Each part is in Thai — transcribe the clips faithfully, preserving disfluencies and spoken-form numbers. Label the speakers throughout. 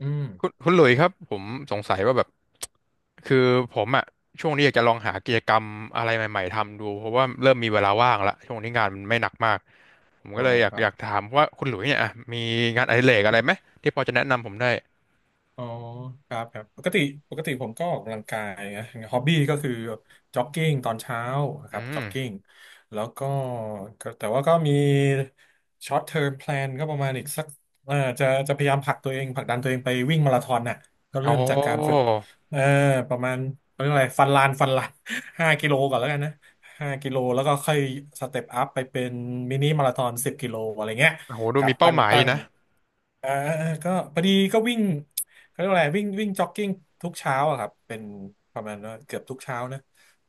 Speaker 1: อืม
Speaker 2: คุณคุณหลุยส์ครับผมสงสัยว่าแบบคือผมอะช่วงนี้อยากจะลองหากิจกรรมอะไรใหม่ๆทำดูเพราะว่าเริ่มมีเวลาว่างละช่วงนี้งานมันไม่หนักมากผม
Speaker 1: อ๋
Speaker 2: ก็
Speaker 1: อ
Speaker 2: เลยอยา
Speaker 1: ค
Speaker 2: ก
Speaker 1: รั
Speaker 2: อ
Speaker 1: บ
Speaker 2: ยากถามว่าคุณหลุยส์เนี่ยอะมีงานอดิเรกอะไรไหมที่พอจะแนะนำผมได้
Speaker 1: อ๋อครับครับปกติปกติผมก็ออกกำลังกายนะฮอบบี้ก็คือจ็อกกิ้งตอนเช้านะค
Speaker 2: อื
Speaker 1: รับจ็อกกิ้
Speaker 2: ม
Speaker 1: งแล้วก็ก็แต่ว่าก็มีช็อตเทอมแพลนก็ประมาณอีกสักเอ่อจะจะพยายามผลักตัวเองผลักดันตัวเองไปวิ่งมาราธอนน่ะก็
Speaker 2: อ๋อ
Speaker 1: เริ่มจากการฝึกเออประมาณเขาเรียกอะไรฟันลานฟันลาน ห้ากิโลก่อนแล้วกันนะห้ากิโลแล้วก็ค่อยสเต็ปอัพไปเป็นมินิมาราธอนสิบกิโลอะไรเงี้ย
Speaker 2: โอ้โหดู
Speaker 1: ครับ
Speaker 2: มีเป้า
Speaker 1: ตั้ง
Speaker 2: หมายอ
Speaker 1: ตั้
Speaker 2: ย
Speaker 1: ง
Speaker 2: นะ
Speaker 1: อ่าก็พอดีก็วิ่ง เขาเรียกว่าอะไรวิ่งวิ่งจ็อกกิ้งทุกเช้าอะครับเป็นประมาณว่าเกือบทุกเช้านะ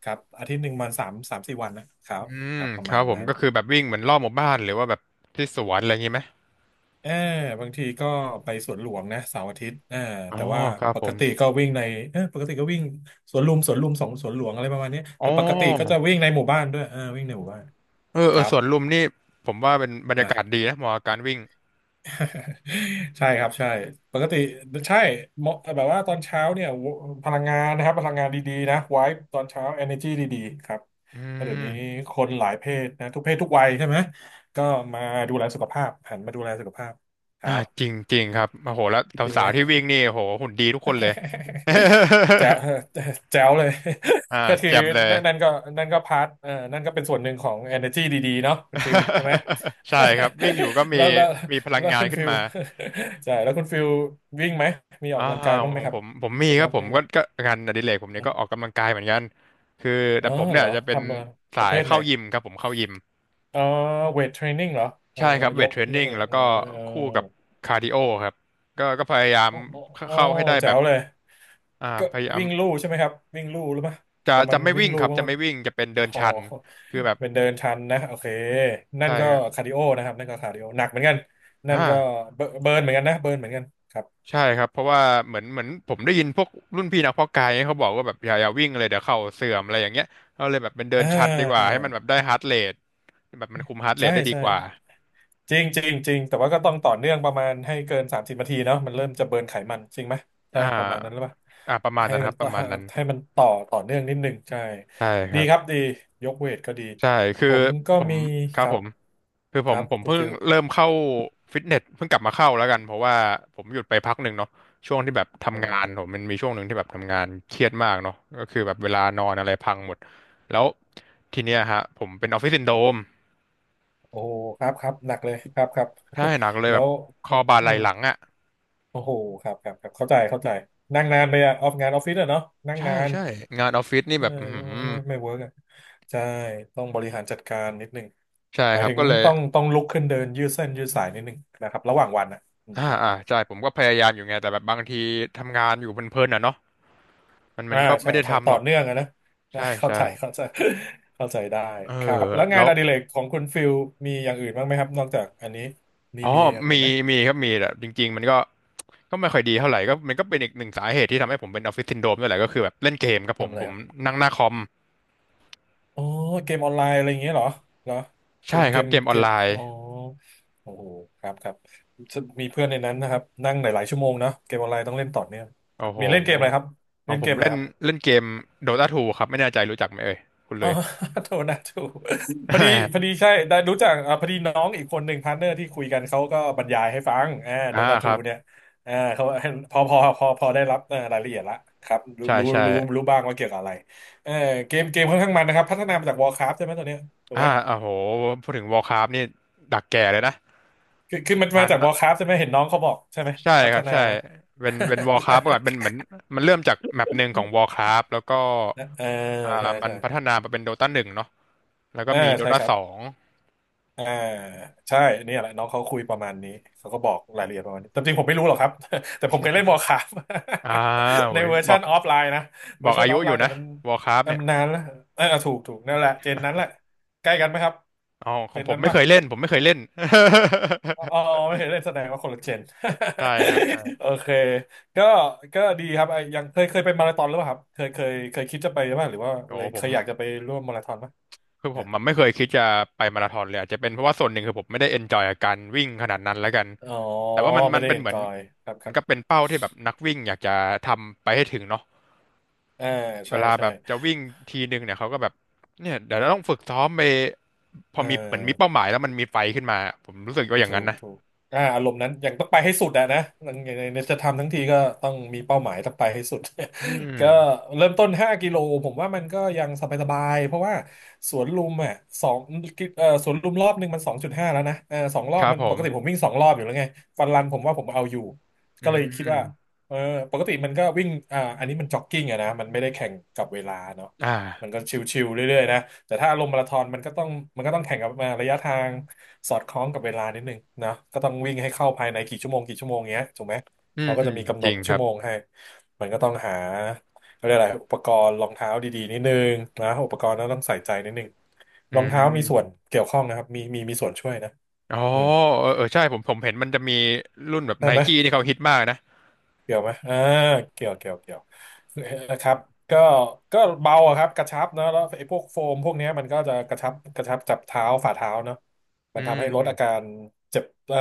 Speaker 1: ครับอาทิตย์หนึ่งมันสามสามสี่วันนะครับ
Speaker 2: อื
Speaker 1: ค
Speaker 2: ม
Speaker 1: รับประ
Speaker 2: ค
Speaker 1: มา
Speaker 2: รับ
Speaker 1: ณ
Speaker 2: ผม
Speaker 1: นั้น
Speaker 2: ก็คือแบบวิ่งเหมือนรอบหมู่บ้านหรือว่าแบบที่สวนอะไรอย่างงี้ไหม
Speaker 1: เออบางทีก็ไปสวนหลวงนะเสาร์อาทิตย์เออ
Speaker 2: อ๋อ
Speaker 1: แต่ว่า
Speaker 2: ครับ
Speaker 1: ป
Speaker 2: ผ
Speaker 1: ก
Speaker 2: ม
Speaker 1: ติก็วิ่งในเออปกติก็วิ่งสวนลุมสวนลุมสองสวนหลวงอะไรประมาณนี้
Speaker 2: อ๋อ
Speaker 1: แต่ปกติก็จะวิ่งในหมู่บ้านด้วยเออวิ่งในหมู่บ้าน
Speaker 2: เออ
Speaker 1: ค
Speaker 2: เอ
Speaker 1: รั
Speaker 2: อ
Speaker 1: บ
Speaker 2: สวนลุมนี่ผมว่าเป็นบรรยา
Speaker 1: นะ
Speaker 2: กาศดีนะเหมาะกับการวิ่ง
Speaker 1: ใช่ครับใช่ปกติใช่เหมาะแบบว่าตอนเช้าเนี่ยพลังงานนะครับพลังงานดีๆนะไว้ตอนเช้า energy ดีๆครับ
Speaker 2: อื
Speaker 1: แล้วเดี๋ยวนี้
Speaker 2: ม
Speaker 1: คนหลายเพศนะทุกเพศทุกวัยใช่ไหมก็มาดูแลสุขภาพหันมาดูแลสุขภาพค
Speaker 2: อ่า
Speaker 1: รั
Speaker 2: จริ
Speaker 1: บ
Speaker 2: งจริงครับโอ้โหแล้ว
Speaker 1: จริง
Speaker 2: สา
Speaker 1: ไหม
Speaker 2: วๆที่วิ่งนี่โอ้โหหุ่นดีทุกคนเลย
Speaker 1: แจ๋ว แจ๋วเลย
Speaker 2: อ่า
Speaker 1: ก็คือ
Speaker 2: แจ่มเลย
Speaker 1: นั่นก็นั่นก็พาร์ทเออนั่นก็เป็นส่วนหนึ่งของ energy ดีๆเนาะคุณฟิลใช่ไหม
Speaker 2: ใช่ครับวิ่งอยู่ก็ มี
Speaker 1: แล้วแล้ว
Speaker 2: มีพลัง
Speaker 1: แล้ว
Speaker 2: งาน
Speaker 1: คุณ
Speaker 2: ขึ้น
Speaker 1: ฟิล
Speaker 2: มา
Speaker 1: ใช่แล้วคุณฟิลวิ่งไหมมีออก
Speaker 2: อ่า
Speaker 1: กำลังกายบ้างไห
Speaker 2: ข
Speaker 1: ม
Speaker 2: อง
Speaker 1: ครั
Speaker 2: ผ
Speaker 1: บ
Speaker 2: มผมมี
Speaker 1: เป็น
Speaker 2: ครั
Speaker 1: นั
Speaker 2: บ
Speaker 1: บ
Speaker 2: ผม
Speaker 1: ไม่
Speaker 2: ก็ก็
Speaker 1: มี
Speaker 2: งานอดิเรกผมเนี่ย
Speaker 1: นะ
Speaker 2: ก็ออกกำลังกายเหมือนกันคือ
Speaker 1: อ๋
Speaker 2: แต่
Speaker 1: อ
Speaker 2: ผมเนี่
Speaker 1: เห
Speaker 2: ย
Speaker 1: รอ
Speaker 2: จะเป็น
Speaker 1: ทำอะไรป
Speaker 2: สา
Speaker 1: ระเภ
Speaker 2: ย
Speaker 1: ทไหน
Speaker 2: เข้ายิมครับผมเข้ายิม
Speaker 1: อ๋อเวทเทรนนิ่งเหรอเออ
Speaker 2: ใช่ครับเว
Speaker 1: ย
Speaker 2: ท
Speaker 1: ก
Speaker 2: เทรน
Speaker 1: ย
Speaker 2: นิ่
Speaker 1: ก
Speaker 2: ง
Speaker 1: เวท
Speaker 2: แล้ว
Speaker 1: เอ
Speaker 2: ก็คู่
Speaker 1: อ
Speaker 2: กับคาร์ดิโอครับก็ก็พยายาม
Speaker 1: โอ้โอ้
Speaker 2: เข้า
Speaker 1: โอ้
Speaker 2: เข้าให้ได้แบ
Speaker 1: แจ๋
Speaker 2: บ
Speaker 1: วเลย
Speaker 2: อ่า
Speaker 1: ก็
Speaker 2: พยายาม
Speaker 1: วิ่งลู่ใช่ไหมครับวิ่งลู่หรือเปล่า
Speaker 2: จะ
Speaker 1: ประมา
Speaker 2: จะ
Speaker 1: ณ
Speaker 2: ไม่
Speaker 1: วิ่
Speaker 2: วิ่
Speaker 1: ง
Speaker 2: ง
Speaker 1: ลู่
Speaker 2: ครับ
Speaker 1: บ้าง
Speaker 2: จะ
Speaker 1: ไหม
Speaker 2: ไม่วิ่งจะเป็น
Speaker 1: โอ๋อ
Speaker 2: เดินชันคือแบบ
Speaker 1: เป็นเดินชันนะโอเคนั่
Speaker 2: ใช่
Speaker 1: นก็คาร์ดิโอนะครับนั่นก็คาร์ดิโอหนักเหมือนกันนั่น
Speaker 2: อ่า
Speaker 1: ก็เบิร์เบิร์นเหมือนกันนะเบิร์นเหมือนกันครับ
Speaker 2: ใช่ครับเพราะว่าเหมือนเหมือนผมได้ยินพวกรุ่นพี่นักเพาะกายเนี่ยเขาบอกว่าแบบอย่าอย่าวิ่งเลยเดี๋ยวเข่าเสื่อมอะไรอย่างเงี้ยเราเลยแบบเป็นเดิ
Speaker 1: อ่
Speaker 2: นชัดดีกว่า
Speaker 1: า
Speaker 2: ให้มันแบบได้ฮาร์ทเรทแบบมันคุมฮาร์ทเร
Speaker 1: ใช่
Speaker 2: ทได้ดี
Speaker 1: ใช่
Speaker 2: กว่า
Speaker 1: จริงจริงจริงแต่ว่าก็ต้องต่อเนื่องประมาณให้เกินสามสิบนาทีเนาะมันเริ่มจะเบิร์นไขมันจริงไหมใช่
Speaker 2: อ่
Speaker 1: ไหมประมาณนั้นหรือเป
Speaker 2: า
Speaker 1: ล่า
Speaker 2: อ่าประมาณ
Speaker 1: ให้
Speaker 2: นั้นค
Speaker 1: มัน
Speaker 2: รับป
Speaker 1: ต่อ
Speaker 2: ระมาณนั้น
Speaker 1: ให้มันต่อต่อเนื่องนิดหนึ่งใช่
Speaker 2: ใช่ค
Speaker 1: ดี
Speaker 2: รับ
Speaker 1: ครับดียกเวทก็ดี
Speaker 2: ใช่คื
Speaker 1: ผ
Speaker 2: อ
Speaker 1: มก็
Speaker 2: ผม
Speaker 1: มี
Speaker 2: ค
Speaker 1: ค
Speaker 2: รับ
Speaker 1: รั
Speaker 2: ผ
Speaker 1: บ
Speaker 2: มคือ
Speaker 1: ค
Speaker 2: ผ
Speaker 1: รั
Speaker 2: ม
Speaker 1: บ
Speaker 2: ผม
Speaker 1: คุณ
Speaker 2: เพิ่ง
Speaker 1: ฟิล
Speaker 2: เริ่มเข้าฟิตเนสเพิ่งกลับมาเข้าแล้วกันเพราะว่าผมหยุดไปพักหนึ่งเนาะช่วงที่แบบทำ
Speaker 1: โอ้
Speaker 2: งานผมมันมีช่วงหนึ่งที่แบบทำงานเครียดมากเนาะก็คือแบบเวลานอนอะไรพังหมดแล้วทีเนี้ยฮะผมเป็นออฟฟิศซินโดรม
Speaker 1: โอ้ครับครับหนักเลยครับครับ
Speaker 2: ใช่หนักเล ย
Speaker 1: แล้
Speaker 2: แบบ
Speaker 1: ว
Speaker 2: คอบ่า
Speaker 1: อื
Speaker 2: ไหล่
Speaker 1: ม
Speaker 2: หลังอ่ะ
Speaker 1: โอ้โหครับครับครับเข้าใจเข้าใจนั่งนานไปอะออฟงานออฟฟิศอะเนาะนั่ง
Speaker 2: ใช่
Speaker 1: นาน
Speaker 2: ใช่งานออฟฟิศนี่
Speaker 1: เออ
Speaker 2: แบบอือหือ
Speaker 1: ไม่ไม่เวิร์กอะใช่ต้องบริหารจัดการนิดนึง
Speaker 2: ใช่
Speaker 1: หมา
Speaker 2: ค
Speaker 1: ย
Speaker 2: รับ
Speaker 1: ถึง
Speaker 2: ก็เลย
Speaker 1: ต้องต้องลุกขึ้นเดินยืดเส้นยืดสายนิดนึงนะครับระหว่างวันนะอืม
Speaker 2: อ่า
Speaker 1: ครับค
Speaker 2: อ่า
Speaker 1: รับ
Speaker 2: ใช่ผมก็พยายามอยู่ไงแต่แบบบางทีทำงานอยู่เพลินๆอ่ะเนาะมันมั
Speaker 1: อ่า
Speaker 2: นก็
Speaker 1: ใช่
Speaker 2: ไม่ได้
Speaker 1: ใช่
Speaker 2: ทำห
Speaker 1: ต่อ
Speaker 2: รอก
Speaker 1: เนื่องอะนะ นะ
Speaker 2: ใช่
Speaker 1: เข้า
Speaker 2: ใช่
Speaker 1: ใจเข้าใจ เข้าใจได้
Speaker 2: เออ
Speaker 1: ครับแล้วงา
Speaker 2: แล้
Speaker 1: น
Speaker 2: ว
Speaker 1: อดิเรกของคุณฟิลมีอย่างอื่นบ้างไหมครับนอกจากอันนี้มี
Speaker 2: อ๋อ
Speaker 1: มีอย่างอื่น
Speaker 2: มี
Speaker 1: ไหม
Speaker 2: มีครับมีแต่จริงๆมันก็ก็ไม่ค่อยดีเท่าไหร่ก็มันก็เป็นอีกหนึ่งสาเหตุที่ทำให้ผมเป็นออฟฟิศซินโดรมด้วยแหละก็คือแบบเล่นเกมครับผ
Speaker 1: ทำ
Speaker 2: ม
Speaker 1: อะไร
Speaker 2: ผ
Speaker 1: ค
Speaker 2: ม
Speaker 1: รับ
Speaker 2: นั่งหน้าคอม
Speaker 1: อ๋อเกมออนไลน์อะไรอย่างเงี้ยเหรอเหรอเก
Speaker 2: ใช่
Speaker 1: ม
Speaker 2: ค
Speaker 1: เก
Speaker 2: รับ
Speaker 1: ม
Speaker 2: เกมอ
Speaker 1: เก
Speaker 2: อน
Speaker 1: ม
Speaker 2: ไล
Speaker 1: อ๋อ
Speaker 2: น์
Speaker 1: โอ้โหครับครับมีเพื่อนในนั้นนะครับนั่งหลายๆชั่วโมงนะเกมออนไลน์ต้องเล่นต่อเนื่องค
Speaker 2: โอ้
Speaker 1: รับ
Speaker 2: โห
Speaker 1: มีเล่นเกมอะไรครับ
Speaker 2: เอา
Speaker 1: เล่น
Speaker 2: ผ
Speaker 1: เก
Speaker 2: ม
Speaker 1: มอะไร
Speaker 2: เล่น
Speaker 1: ครับ
Speaker 2: เล่นเกม Dota ทูครับไม่แน่ใจรู้จักไหมเอ่ยคุณ
Speaker 1: อ๋
Speaker 2: เล
Speaker 1: อ
Speaker 2: ย
Speaker 1: โทษนะถูกพอดีพอดี ใช่ได้รู้จักอ่าพอดีน้องอีกคนหนึ่งพาร์ทเนอร์ที่คุยกันเขาก็บรรยายให้ฟังอ่าโด
Speaker 2: อ่า
Speaker 1: ตา
Speaker 2: ค
Speaker 1: ทู
Speaker 2: รับ
Speaker 1: เนี่ยอ่าเขา พอพอพอพอได้รับอ่ารายละเอียดละครับรู้
Speaker 2: ใช่
Speaker 1: รู้
Speaker 2: ใช่
Speaker 1: รู้รู้บ้างว่าเกี่ยวกับอะไรเออเกมเกมค่อนข้างมันนะครับพัฒนามาจาก Warcraft ใช่ไหมตัวเนี้ยถูก
Speaker 2: อ่า
Speaker 1: ไหม
Speaker 2: โอ้โหพูดถึง Warcraft นี่ดักแก่เลยนะ
Speaker 1: คือคือมัน
Speaker 2: ทั
Speaker 1: มา
Speaker 2: น
Speaker 1: จาก
Speaker 2: นะ
Speaker 1: Warcraft ใช่ไหมเห็นน้องเขาบอกใช่ไหม
Speaker 2: ใช่
Speaker 1: พั
Speaker 2: ค
Speaker 1: ฒ
Speaker 2: รับ
Speaker 1: นา
Speaker 2: ใช่เป็นเป็น
Speaker 1: ใช่
Speaker 2: Warcraft เมื่อก่อนเป็นเหมือนมันเริ่มจากแมปหนึ่งของ Warcraft แล้วก็
Speaker 1: เออใช่
Speaker 2: อ่ามัน
Speaker 1: ใช่
Speaker 2: พัฒนามาเป็น โดตาหนึ่งเนาะ แล้ว
Speaker 1: เอ
Speaker 2: ก็
Speaker 1: อ
Speaker 2: มี d o
Speaker 1: ใช่
Speaker 2: t า
Speaker 1: ครั
Speaker 2: ส
Speaker 1: บ
Speaker 2: อง
Speaker 1: อ่าใช่เนี่ยแหละน้องเขาคุยประมาณนี้เขาก็บอกรายละเอียดประมาณนี้แต่จริงผมไม่รู้หรอกครับ แต่ผมเคยเล่น Warcraft
Speaker 2: อ่า โอ้
Speaker 1: ใน
Speaker 2: ย
Speaker 1: เวอร์
Speaker 2: บ
Speaker 1: ชั
Speaker 2: อก
Speaker 1: นออฟไลน์นะ
Speaker 2: บ
Speaker 1: เวอ
Speaker 2: อ
Speaker 1: ร์
Speaker 2: ก
Speaker 1: ชั
Speaker 2: อา
Speaker 1: นอ
Speaker 2: ยุ
Speaker 1: อฟ
Speaker 2: อ
Speaker 1: ไล
Speaker 2: ยู่
Speaker 1: น์แต่
Speaker 2: นะ
Speaker 1: มัน
Speaker 2: วอร์คร f t
Speaker 1: เออ
Speaker 2: เนี่ย
Speaker 1: มันนานแล้วเออถูกถูกนั่นแหละเจนนั้นแหละใกล้กันไหมครับ
Speaker 2: อ๋อข
Speaker 1: เจ
Speaker 2: อง
Speaker 1: น
Speaker 2: ผม
Speaker 1: นั้น
Speaker 2: ไม่
Speaker 1: ป่ะ
Speaker 2: เคยเล่น ผมไม่เคยเล่น
Speaker 1: อ๋อ ไม่เคยเล่นแสดงว่าคนละเจน
Speaker 2: ใช่ครับใช่
Speaker 1: โอเคก็ก็ดีครับไอ้ยังเคยเคยไปมาราธอนหรือเปล่าครับเคยเคยเคยคิดจะไปไหาหรือว่า
Speaker 2: โอ้
Speaker 1: เลย
Speaker 2: ผ
Speaker 1: เค
Speaker 2: ม
Speaker 1: ยอยากจะไปร่วมมาราธอนไหม
Speaker 2: คือผ
Speaker 1: นะ
Speaker 2: มมันไม่เคยคิดจะไปมาราธอนเลยอาจจะเป็นเพราะว่าส่วนหนึ่งคือผมไม่ได้เอนจอยกับการวิ่งขนาดนั้นแล้วกัน
Speaker 1: อ๋อ
Speaker 2: แต่ว่ามัน
Speaker 1: ไม่
Speaker 2: มัน
Speaker 1: ได้
Speaker 2: เป็
Speaker 1: เอ
Speaker 2: น
Speaker 1: น
Speaker 2: เหมื
Speaker 1: จ
Speaker 2: อน
Speaker 1: อยครับค
Speaker 2: มั
Speaker 1: รั
Speaker 2: น
Speaker 1: บ
Speaker 2: ก็เป็นเป้าที่แบบนักวิ่งอยากจะทำไปให้ถึงเนาะ
Speaker 1: อ่า
Speaker 2: เว
Speaker 1: ใช่
Speaker 2: ลาแบ
Speaker 1: ใช่
Speaker 2: บจะวิ่งทีนึงเนี่ยเขาก็แบบเนี่ยเดี๋ยวเราต้องฝึกซ้อมไปพ
Speaker 1: เ
Speaker 2: อมีเหมือนมีเป้า
Speaker 1: ออ
Speaker 2: หมายแล้วมันมีไฟขึ้นมาผมรู้สึกว่าอย่าง
Speaker 1: ถู
Speaker 2: นั้น
Speaker 1: ก
Speaker 2: นะ
Speaker 1: ถูกอ่าอารมณ์นั้นยังต้องไปให้สุดอะนะในในในจะทำทั้งทีก็ต้องมีเป้าหมายต้องไปให้สุด
Speaker 2: อืม
Speaker 1: ก็เริ่มต้นห้ากิโลผมว่ามันก็ยังสบายๆเพราะว่าสวนลุมอ่ะสองเอ่อสวนลุมรอบหนึ่งมันสองจุดห้าแล้วนะเออสองรอ
Speaker 2: ค
Speaker 1: บ
Speaker 2: รับ
Speaker 1: มัน
Speaker 2: ผ
Speaker 1: ป
Speaker 2: ม
Speaker 1: กติผมวิ่งสองรอบอยู่แล้วไงฟันรันผมว่าผมเอาอยู่
Speaker 2: อื
Speaker 1: ก็เลยคิดว่า
Speaker 2: ม
Speaker 1: เออปกติมันก็วิ่งอ่าอันนี้มันจ็อกกิ้งอะนะมันไม่ได้แข่งกับเวลาเนาะ
Speaker 2: อ่
Speaker 1: มันก็
Speaker 2: า
Speaker 1: ชิวๆเรื่อยๆนะแต่ถ้าลงมาราธอนมันก็ต้องมันก็ต้องแข่งกับอ่าระยะทาง สอดคล้องกับเวลานิดนึงนะก็ต้องวิ่งให้เข้าภายในกี่ชั่วโมงกี่ชั่วโมงเงี้ยถูกไหม
Speaker 2: อืม
Speaker 1: เขาก็
Speaker 2: อื
Speaker 1: จะ
Speaker 2: ม
Speaker 1: มีกำห
Speaker 2: จ
Speaker 1: น
Speaker 2: ริ
Speaker 1: ด
Speaker 2: งค
Speaker 1: ชั่
Speaker 2: รั
Speaker 1: ว
Speaker 2: บ
Speaker 1: โมงให้มันก็ต้องหาเขาเรียกอะไรอุปกรณ์รองเท้าดีๆนิดนึงนะอุปกรณ์นั้นต้องใส่ใจนิดนึง
Speaker 2: อื
Speaker 1: รองเท้ามีส่วน
Speaker 2: ม
Speaker 1: เกี่ยวข้องนะครับมีมีมีส่วนช่วยนะ
Speaker 2: อ๋อ
Speaker 1: อืม
Speaker 2: เออเออใช่ผมผมเห็นมันจะมีรุ่นแบบ
Speaker 1: ใช่
Speaker 2: ไน
Speaker 1: ไหม
Speaker 2: กี้ที่เขาฮิตมากนะ
Speaker 1: เกี่ยวไหมอ่าเกี่ยวเกี่ยว เกี่ยวคือครับก็ก็เบาอะครับกระชับเนอะแล้วไอ้พวกโฟมพวกเนี้ยมันก็จะกระชับกระชับจับเท้าฝ่าเท้าเนอะ
Speaker 2: อื
Speaker 1: มัน
Speaker 2: ม
Speaker 1: ทำให้ล
Speaker 2: อื
Speaker 1: ด
Speaker 2: ม
Speaker 1: อาการเจ็บเอ่อ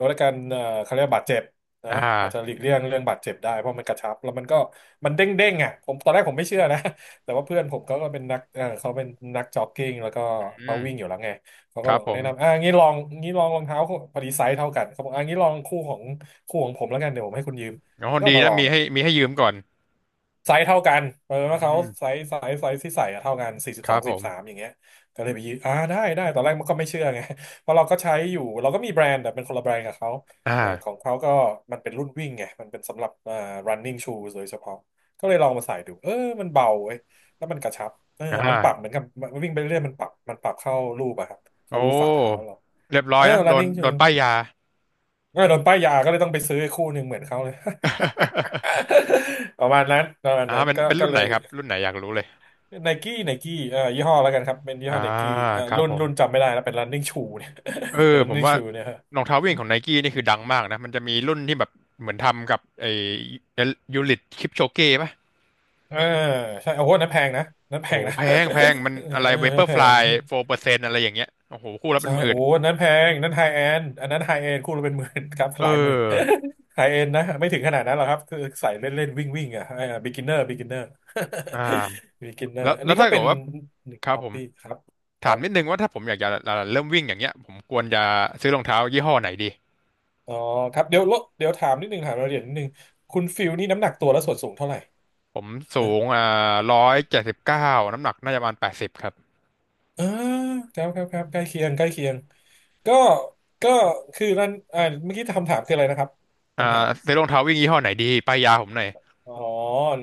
Speaker 1: ลดอาการเอ่อเขาเรียกว่าบาดเจ็บนะ
Speaker 2: อ่า
Speaker 1: อาจจะหลีกเลี่ยงเรื่องบาดเจ็บได้ เพราะมันกระชับแล้วมันก็มันเด้งเด้งอะผมตอนแรกผมไม่เชื่อนะ แต่ว่าเพื่อนผมเขาก็เป็นนักเออเขาเป็นนักจ็อกกิ้งแล้วก็
Speaker 2: อื
Speaker 1: เขา
Speaker 2: ม
Speaker 1: วิ่งอยู่แล้วไงเขา
Speaker 2: ค
Speaker 1: ก็
Speaker 2: รั
Speaker 1: บ
Speaker 2: บ
Speaker 1: อก
Speaker 2: ผ
Speaker 1: แนะ
Speaker 2: ม
Speaker 1: นำอ่ะงี้ลองงี้ลองรองเท้าคู่พอดีไซส์เท่ากันเขาบอกอ่างี้ลองคู่ของคู่ของผมแล้วกันเดี๋ยวผมให้คุณยืม
Speaker 2: อ๋อ
Speaker 1: ก็
Speaker 2: ดี
Speaker 1: เอามาล
Speaker 2: นะ
Speaker 1: อง
Speaker 2: มี
Speaker 1: อะ
Speaker 2: ให้มีให้ยืมก่อน
Speaker 1: ไซส์เท่ากันเออแล้
Speaker 2: อื
Speaker 1: วเขา
Speaker 2: ม
Speaker 1: ไซส์ไซส์ไซส์ที่ใส่อะเท่ากันสี่สิบ
Speaker 2: ค
Speaker 1: ส
Speaker 2: รั
Speaker 1: อ
Speaker 2: บ
Speaker 1: งส
Speaker 2: ผ
Speaker 1: สิ
Speaker 2: ม
Speaker 1: บสามอย่างเงี้ยก็เลยไปยืมอ่าได้ได้ตอนแรกมันก็ไม่เชื่อไง เพราะเราก็ใช้อยู่เราก็มีแบรนด์แต่เป็นคนละแบรนด์กับเขาเออขอ
Speaker 2: อ่า
Speaker 1: งเขาก็มันเป็นรุ่นวิ่งไงมันเป็นสำหรับอ่า running shoes โดยเฉพาะก็เลยลองมาใส่ดูเออมันเบาเว้ยแล้วมันกระชับเออ
Speaker 2: อ่
Speaker 1: มันปรับเห
Speaker 2: า
Speaker 1: มือนกับมันวิ่งไปเรื่อยมันปรับมันปรับเข้ารูปอะครับ
Speaker 2: โอ
Speaker 1: เข้ารูปฝ่าเท้า
Speaker 2: ้
Speaker 1: เรา
Speaker 2: เรียบร้อ
Speaker 1: เอ
Speaker 2: ย
Speaker 1: อ
Speaker 2: นะโดน
Speaker 1: running
Speaker 2: โด
Speaker 1: shoe
Speaker 2: นป้ายยา
Speaker 1: เออโดนป้ายยาก็เลยต้องไปซื้อคู่หนึ่งเหมือนเขาเลย ประมาณนั้นประมาณ
Speaker 2: อ่า
Speaker 1: นั้น
Speaker 2: เป็น
Speaker 1: ก็
Speaker 2: เป็น
Speaker 1: ก็
Speaker 2: รุ่น
Speaker 1: เล
Speaker 2: ไหน
Speaker 1: ย
Speaker 2: ครับ รุ่นไหนอยากรู้เลย
Speaker 1: ไนกี้ไนกี้เอ่อยี่ห้อแล้วกันครับเป็นยี่
Speaker 2: อ่า
Speaker 1: ห้อไนกี้เอ่อ
Speaker 2: ครับ
Speaker 1: รุ่น
Speaker 2: ผม
Speaker 1: รุ่นจำไม่ได้แล้วเป็น running shoe เนี่ย
Speaker 2: เอ
Speaker 1: เป็
Speaker 2: อ
Speaker 1: น
Speaker 2: ผม
Speaker 1: running
Speaker 2: ว่า
Speaker 1: shoe เนี่ยฮะ
Speaker 2: รองเท้าวิ่งของไนกี้นี่คือดังมากนะมันจะมีรุ่นที่แบบเหมือนทำกับไอ้ยูริทคลิปโชเก้ป่ะ
Speaker 1: เออใช่โอ้โหนั่นแพงนะนั่นแพ
Speaker 2: โอ้โห
Speaker 1: งนะ
Speaker 2: แพงแพงมั น
Speaker 1: เออ
Speaker 2: อะไรเวเปอร์
Speaker 1: แพ
Speaker 2: ฟลา
Speaker 1: ง
Speaker 2: ยโฟร์เปอร์เซ็นต์อะไรอย่างเงี้ยโอ้โหคู่ละเป็
Speaker 1: ใช่
Speaker 2: นหมื่
Speaker 1: โอ้
Speaker 2: น
Speaker 1: อันนั้นแพงอันนั้นไฮแอนอันนั้นไฮแอนคู่ละเป็นหมื่น ครับ
Speaker 2: เอ
Speaker 1: หลายหมื่น
Speaker 2: อ
Speaker 1: ไฮเอนนะ ไม่ถึงขนาดนั้นหรอกครับ คือใส่เล่นเล่นวิ่งวิ่งอ่ะเออ beginner beginner
Speaker 2: อ ่า
Speaker 1: beginner
Speaker 2: แล้ว
Speaker 1: อัน
Speaker 2: แล้ว
Speaker 1: นี้ก็
Speaker 2: ถ้า
Speaker 1: เป็
Speaker 2: เกิ
Speaker 1: น
Speaker 2: ดว่า
Speaker 1: หนึ่ง
Speaker 2: ครับ
Speaker 1: ฮอป
Speaker 2: ผม
Speaker 1: ปี้ครับค
Speaker 2: ถา
Speaker 1: รั
Speaker 2: ม
Speaker 1: บ
Speaker 2: นิดนึงว่าถ้าผมอยากจะเริ่มวิ่งอย่างเงี้ยผมควรจะซื้อรองเท้ายี่ห้อไหนดี
Speaker 1: อ๋อครับเดี๋ยวลดเดี๋ยวถามนิดนึงถามรายละเอียดนิดนึงคุณฟิลนี่น้ำหนักตัวและส่วนสูงเท่าไหร่
Speaker 2: ผมสู
Speaker 1: นะ
Speaker 2: งอ่าร้อยเจ็ดสิบเก้าน้ำหนักน่าจะประมาณแปดสิบครับ
Speaker 1: อ่าครับครับครับใกล้เคียง ใกล้เคียง ก็ก็คือนั่นอ่าเมื่อกี้คำถามคืออะไรนะครับ
Speaker 2: อ่าซื้อรองเท้าวิ่งยี่ห้อไหนดีป้ายยาผมหน่อย
Speaker 1: อ๋อ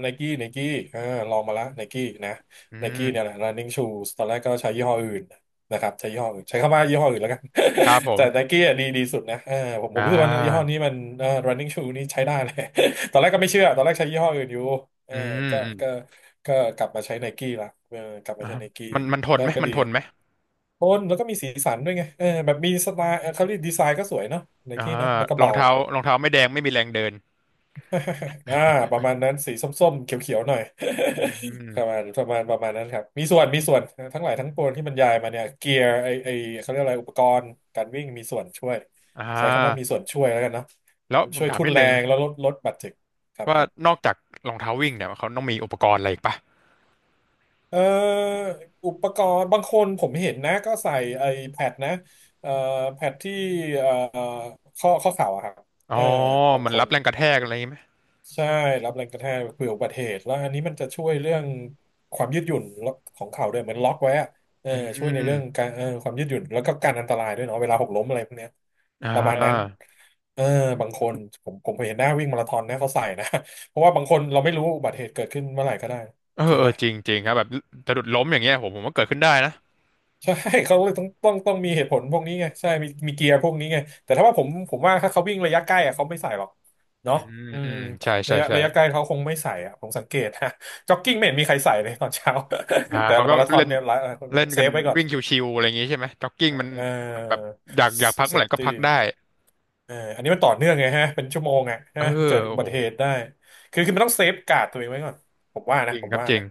Speaker 1: ไนกี้ไนกี้อ่าลองมาละไนกี้นะ
Speaker 2: อื
Speaker 1: ไน
Speaker 2: ม
Speaker 1: กี้เนี่ยแหละ running shoes ตอนแรกก็ใช้ยี่ห้ออื่นนะครับใช้ยี่ห้ออื่นใช้คำว่ายี่ห้ออื่นแล้วกัน
Speaker 2: ครับผ
Speaker 1: แต่
Speaker 2: ม
Speaker 1: ไนกี้อ่ะดีดีสุดนะเออผมผม
Speaker 2: อ่า
Speaker 1: รู้สึกว่ายี่ห้อนี้มันเออ running shoe นี่ใช้ได้เลย ตอนแรกก็ไม่เชื่อตอนแรกใช้ยี่ห้ออื่นอยู่เอ
Speaker 2: อื
Speaker 1: อ
Speaker 2: ม
Speaker 1: ก็
Speaker 2: อืม
Speaker 1: ก็ก็กลับมาใช้ไนกี้ละเออกลับมา
Speaker 2: อ่า
Speaker 1: ใช้ไนกี้
Speaker 2: มันมันทน
Speaker 1: ก็
Speaker 2: ไหม
Speaker 1: ก็
Speaker 2: มัน
Speaker 1: ดี
Speaker 2: ท
Speaker 1: ค
Speaker 2: น
Speaker 1: รับ
Speaker 2: ไหม
Speaker 1: โทนแล้วก็มีสีสันด้วยไงเออแบบมีสไตล์เออเขาเรียกดีไซน์ก็สวยเนาะไน
Speaker 2: อ่า
Speaker 1: กี้เนาะแล้วก็
Speaker 2: รอง
Speaker 1: เบา
Speaker 2: เท้ารองเท้าไม่แดงไม่มีแรงเดิน
Speaker 1: อ่าประมาณนั้นสีส้มๆเขียวๆหน่อย
Speaker 2: อืม
Speaker 1: ประมาณประมาณประมาณนั้นครับมีส่วนมีส่วนทั้งหลายทั้งปวงที่บรรยายมาเนี่ยเกียร์ไอไอเขาเรียกอะไรอุปกรณ์การวิ่งมีส่วนช่วย
Speaker 2: อ่
Speaker 1: ใช้คำว่ามี
Speaker 2: า
Speaker 1: ส่วนช่วยแล้วกันเนาะ
Speaker 2: แล้วผม
Speaker 1: ช่วย
Speaker 2: ถาม
Speaker 1: ทุ่น
Speaker 2: นิด
Speaker 1: แร
Speaker 2: นึง
Speaker 1: งแล้วลดลดบาดเจ็บครับ
Speaker 2: ว่า
Speaker 1: ครับ
Speaker 2: นอกจากรองเท้าวิ่งเนี่ยเขาต้องมีอุปกรณ์อะไรอีกปะ
Speaker 1: เอ่ออุปกรณ์บางคนผมเห็นนะก็ใส่ไอแพดนะเอ่อแพดที่เอ่อข้อข้อเข่าอะครับ
Speaker 2: อ๋อ
Speaker 1: เออบาง
Speaker 2: มัน
Speaker 1: ค
Speaker 2: รั
Speaker 1: น
Speaker 2: บแรงกระแทกอะไรอย่างงี้ไหม
Speaker 1: ใช่รับแรงกระแทกเผื่ออุบัติเหตุแล้วอันนี้มันจะช่วยเรื่องความยืดหยุ่นของเข่าด้วยเหมือนล็อกไว้อะเออ
Speaker 2: อื
Speaker 1: ช่วยในเรื่อง
Speaker 2: ม
Speaker 1: การเออความยืดหยุ่นแล้วก็การอันตรายด้วยเนาะเวลาหกล้มอะไรพวกเนี้ย
Speaker 2: อ่
Speaker 1: ประมาณนั้น
Speaker 2: า
Speaker 1: เออบางคนผมผมเคยเห็นหน้าวิ่งมาราธอนนะเขาใส่นะ เพราะว่าบางคนเราไม่รู้อุบัติเหตุเกิดขึ้นเมื่อไหร่ก็ได้
Speaker 2: เออ
Speaker 1: จริง
Speaker 2: เอ
Speaker 1: ไหม
Speaker 2: อจริงจริงครับแบบสะดุดล้มอย่างเงี้ยผมผมว่าเกิดขึ้นได้นะ
Speaker 1: ใช่ เขาเลยต้องต้องต้องมีเหตุผลพวกนี้ไงใช่มีมีเกียร์พวกนี้ไงแต่ถ้าว่าผมผมว่าถ้าเขาวิ่งระยะใกล้อะเขาไม่ใส่หรอก
Speaker 2: อื
Speaker 1: เนาะ
Speaker 2: ม
Speaker 1: อื
Speaker 2: อื
Speaker 1: ม
Speaker 2: มอืมใช่
Speaker 1: ระ
Speaker 2: ใช่
Speaker 1: ยะ
Speaker 2: ใช่
Speaker 1: ระยะใกล้เขาคงไม่ใส่อะผมสังเกต ฮะจ็อกกิ้งไม่เห็นมีใครใส่เลยตอนเช้า
Speaker 2: อ่า
Speaker 1: แต่
Speaker 2: เขาก็
Speaker 1: มาราธอน
Speaker 2: เล่น
Speaker 1: เนี่ยหลาย
Speaker 2: เล่น
Speaker 1: เซ
Speaker 2: กัน
Speaker 1: ฟไว้ก่อน
Speaker 2: วิ่งชิวๆอะไรอย่างงี้ใช่ไหมจ็อกกิ้งมัน
Speaker 1: เ
Speaker 2: มันแบบ
Speaker 1: ออ
Speaker 2: อยากอยากพัก
Speaker 1: เซ
Speaker 2: เมื่อไห
Speaker 1: ฟ
Speaker 2: ร่ก็
Speaker 1: ตี้
Speaker 2: พักได้
Speaker 1: เอออันนี้มันต่อเนื่องไงฮะเป็นชั่วโมงอะ
Speaker 2: เอ
Speaker 1: ฮะ
Speaker 2: อ
Speaker 1: เกิดอุ
Speaker 2: โอ้
Speaker 1: บั
Speaker 2: โห
Speaker 1: ติเหตุได้คือคือมันต้องเซฟการ์ดตัวเองไว้ก่อนผมว่า
Speaker 2: จ
Speaker 1: นะ
Speaker 2: ริง
Speaker 1: ผม
Speaker 2: ครับ
Speaker 1: ว่า
Speaker 2: จริง
Speaker 1: นะ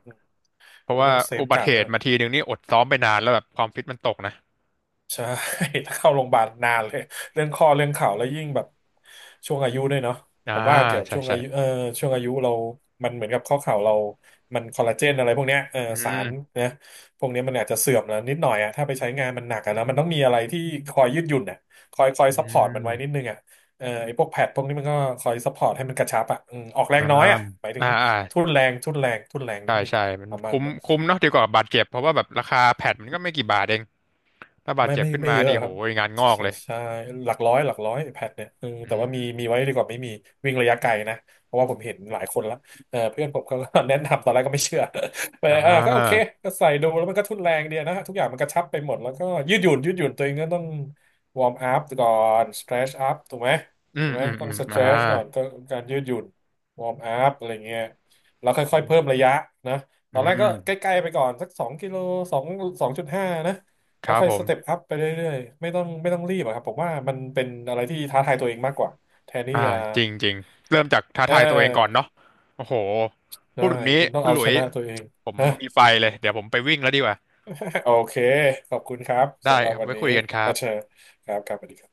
Speaker 2: เพ
Speaker 1: ผ
Speaker 2: ราะ
Speaker 1: ม
Speaker 2: ว่า
Speaker 1: ต้องเซฟ
Speaker 2: อุบั
Speaker 1: กา
Speaker 2: ติ
Speaker 1: ร์ด
Speaker 2: เห
Speaker 1: ไว้
Speaker 2: ตุมาทีหนึ่งนี่อดซ้อมไปนานแล้วแบบความฟิตมันตกนะ
Speaker 1: ใช่ ถ้าเข้าโรงพยาบาลนานเลยเรื่องข้อเรื่องเข่าแล้วยิ่งแบบช่วงอายุด้วยเนาะ
Speaker 2: อ่า
Speaker 1: ผมว่าเกี่ยวกับ
Speaker 2: ใช่
Speaker 1: ช่วง
Speaker 2: ใช่
Speaker 1: อายุเออช่วงอายุเรามันเหมือนกับข้อเข่าเรามันคอลลาเจนอะไรพวกเนี้ยเออ
Speaker 2: อื
Speaker 1: สาร
Speaker 2: ม
Speaker 1: นะพวกเนี้ยมันอาจจะเสื่อมแล้วนิดหน่อยอะถ้าไปใช้งานมันหนักอะนะมันต้องมีอะไรที่คอยยืดหยุ่นอะคอยคอย
Speaker 2: อื
Speaker 1: ซัพพอร์ตมันไว้นิด
Speaker 2: ม
Speaker 1: นึงอะเออไอ้พวกแพดพวกนี้มันก็คอยซัพพอร์ตให้มันกระชับอะอืมออกแร
Speaker 2: อ่า
Speaker 1: งน้อยอะหมายถึ
Speaker 2: อ่า
Speaker 1: ง
Speaker 2: อ่า
Speaker 1: ทุ่นแรงทุ่นแรงทุ่นแรงนิ
Speaker 2: ใช่
Speaker 1: ดนึง
Speaker 2: ใช่มัน
Speaker 1: ประมาณ
Speaker 2: คุ้ม
Speaker 1: นั้น
Speaker 2: คุ้มเนาะดีกว่าบาดเจ็บเพราะว่าแบบราคาแพดมันก็ไม่กี่บาทเองถ้าบาด
Speaker 1: ไม่
Speaker 2: เจ็บ
Speaker 1: ไม่
Speaker 2: ขึ้น
Speaker 1: ไม่
Speaker 2: มา
Speaker 1: เยอะ
Speaker 2: นี่
Speaker 1: ค
Speaker 2: โห
Speaker 1: รับ
Speaker 2: ยงานง
Speaker 1: ใช่
Speaker 2: อก
Speaker 1: ใช่
Speaker 2: เลย
Speaker 1: ใช่หลักร้อยหลักร้อยแพดเนี่ยเออ
Speaker 2: อื
Speaker 1: แต่ว่ามี
Speaker 2: ม
Speaker 1: มีไว้ดีกว่าไม่มีวิ่งระยะไกลนะเพราะว่าผมเห็นหลายคนละเออเพื่อนผมก็ แนะนำตอนแรกก็ไม่เชื่อ แต่
Speaker 2: อ่
Speaker 1: เออก็โอเค
Speaker 2: า
Speaker 1: ก็ใส่ดูแล้วมันก็ทุนแรงดีนะทุกอย่างมันกระชับไปหมดแล้วก็ยืดหยุ่นยืดหยุ่นตัวเองก็ต้องวอร์มอัพก่อนสเตรชอัพถูกไหม
Speaker 2: อื
Speaker 1: ถู
Speaker 2: ม
Speaker 1: กไหม
Speaker 2: อืม
Speaker 1: ต้อ
Speaker 2: อื
Speaker 1: ง
Speaker 2: ม
Speaker 1: สเต
Speaker 2: อ่า
Speaker 1: รชก่อนก็การยืดหยุ่นวอร์มอัพอะไรเงี้ยแล้วค่อยๆเพิ่มระยะนะต
Speaker 2: อื
Speaker 1: อนแรก
Speaker 2: ม
Speaker 1: ก็ใกล้ๆไปก่อนสักสองกิโลสองสองจุดห้านะ
Speaker 2: ค
Speaker 1: แล้ว
Speaker 2: รับ
Speaker 1: ค่อ
Speaker 2: ผ
Speaker 1: ยส
Speaker 2: ม
Speaker 1: เต็ปอัพไปเรื่อยๆไม่ต้องไม่ต้องรีบอะครับผมว่ามันเป็นอะไรที่ท้าทายตัวเองมากกว่าแทนที่
Speaker 2: อ่า
Speaker 1: จะ
Speaker 2: จริงจริงเริ่มจากท้า
Speaker 1: เ
Speaker 2: ทายตัวเองก่อน
Speaker 1: ออ
Speaker 2: เนาะโอ้โหพู
Speaker 1: ได้
Speaker 2: ดแบบนี้
Speaker 1: คุณต้อง
Speaker 2: คุณ
Speaker 1: เอา
Speaker 2: หลุ
Speaker 1: ช
Speaker 2: ย
Speaker 1: นะตัวเอง
Speaker 2: ผม
Speaker 1: นะ
Speaker 2: มีไฟเลยเดี๋ยวผมไปวิ่งแล้วดีกว่า
Speaker 1: โอเคขอบคุณครับ
Speaker 2: ได้
Speaker 1: สำหรับ
Speaker 2: ครับ
Speaker 1: วัน
Speaker 2: ไว้
Speaker 1: นี้
Speaker 2: คุยกันครั
Speaker 1: อา
Speaker 2: บ
Speaker 1: เชญครับครับสวัสดีครับ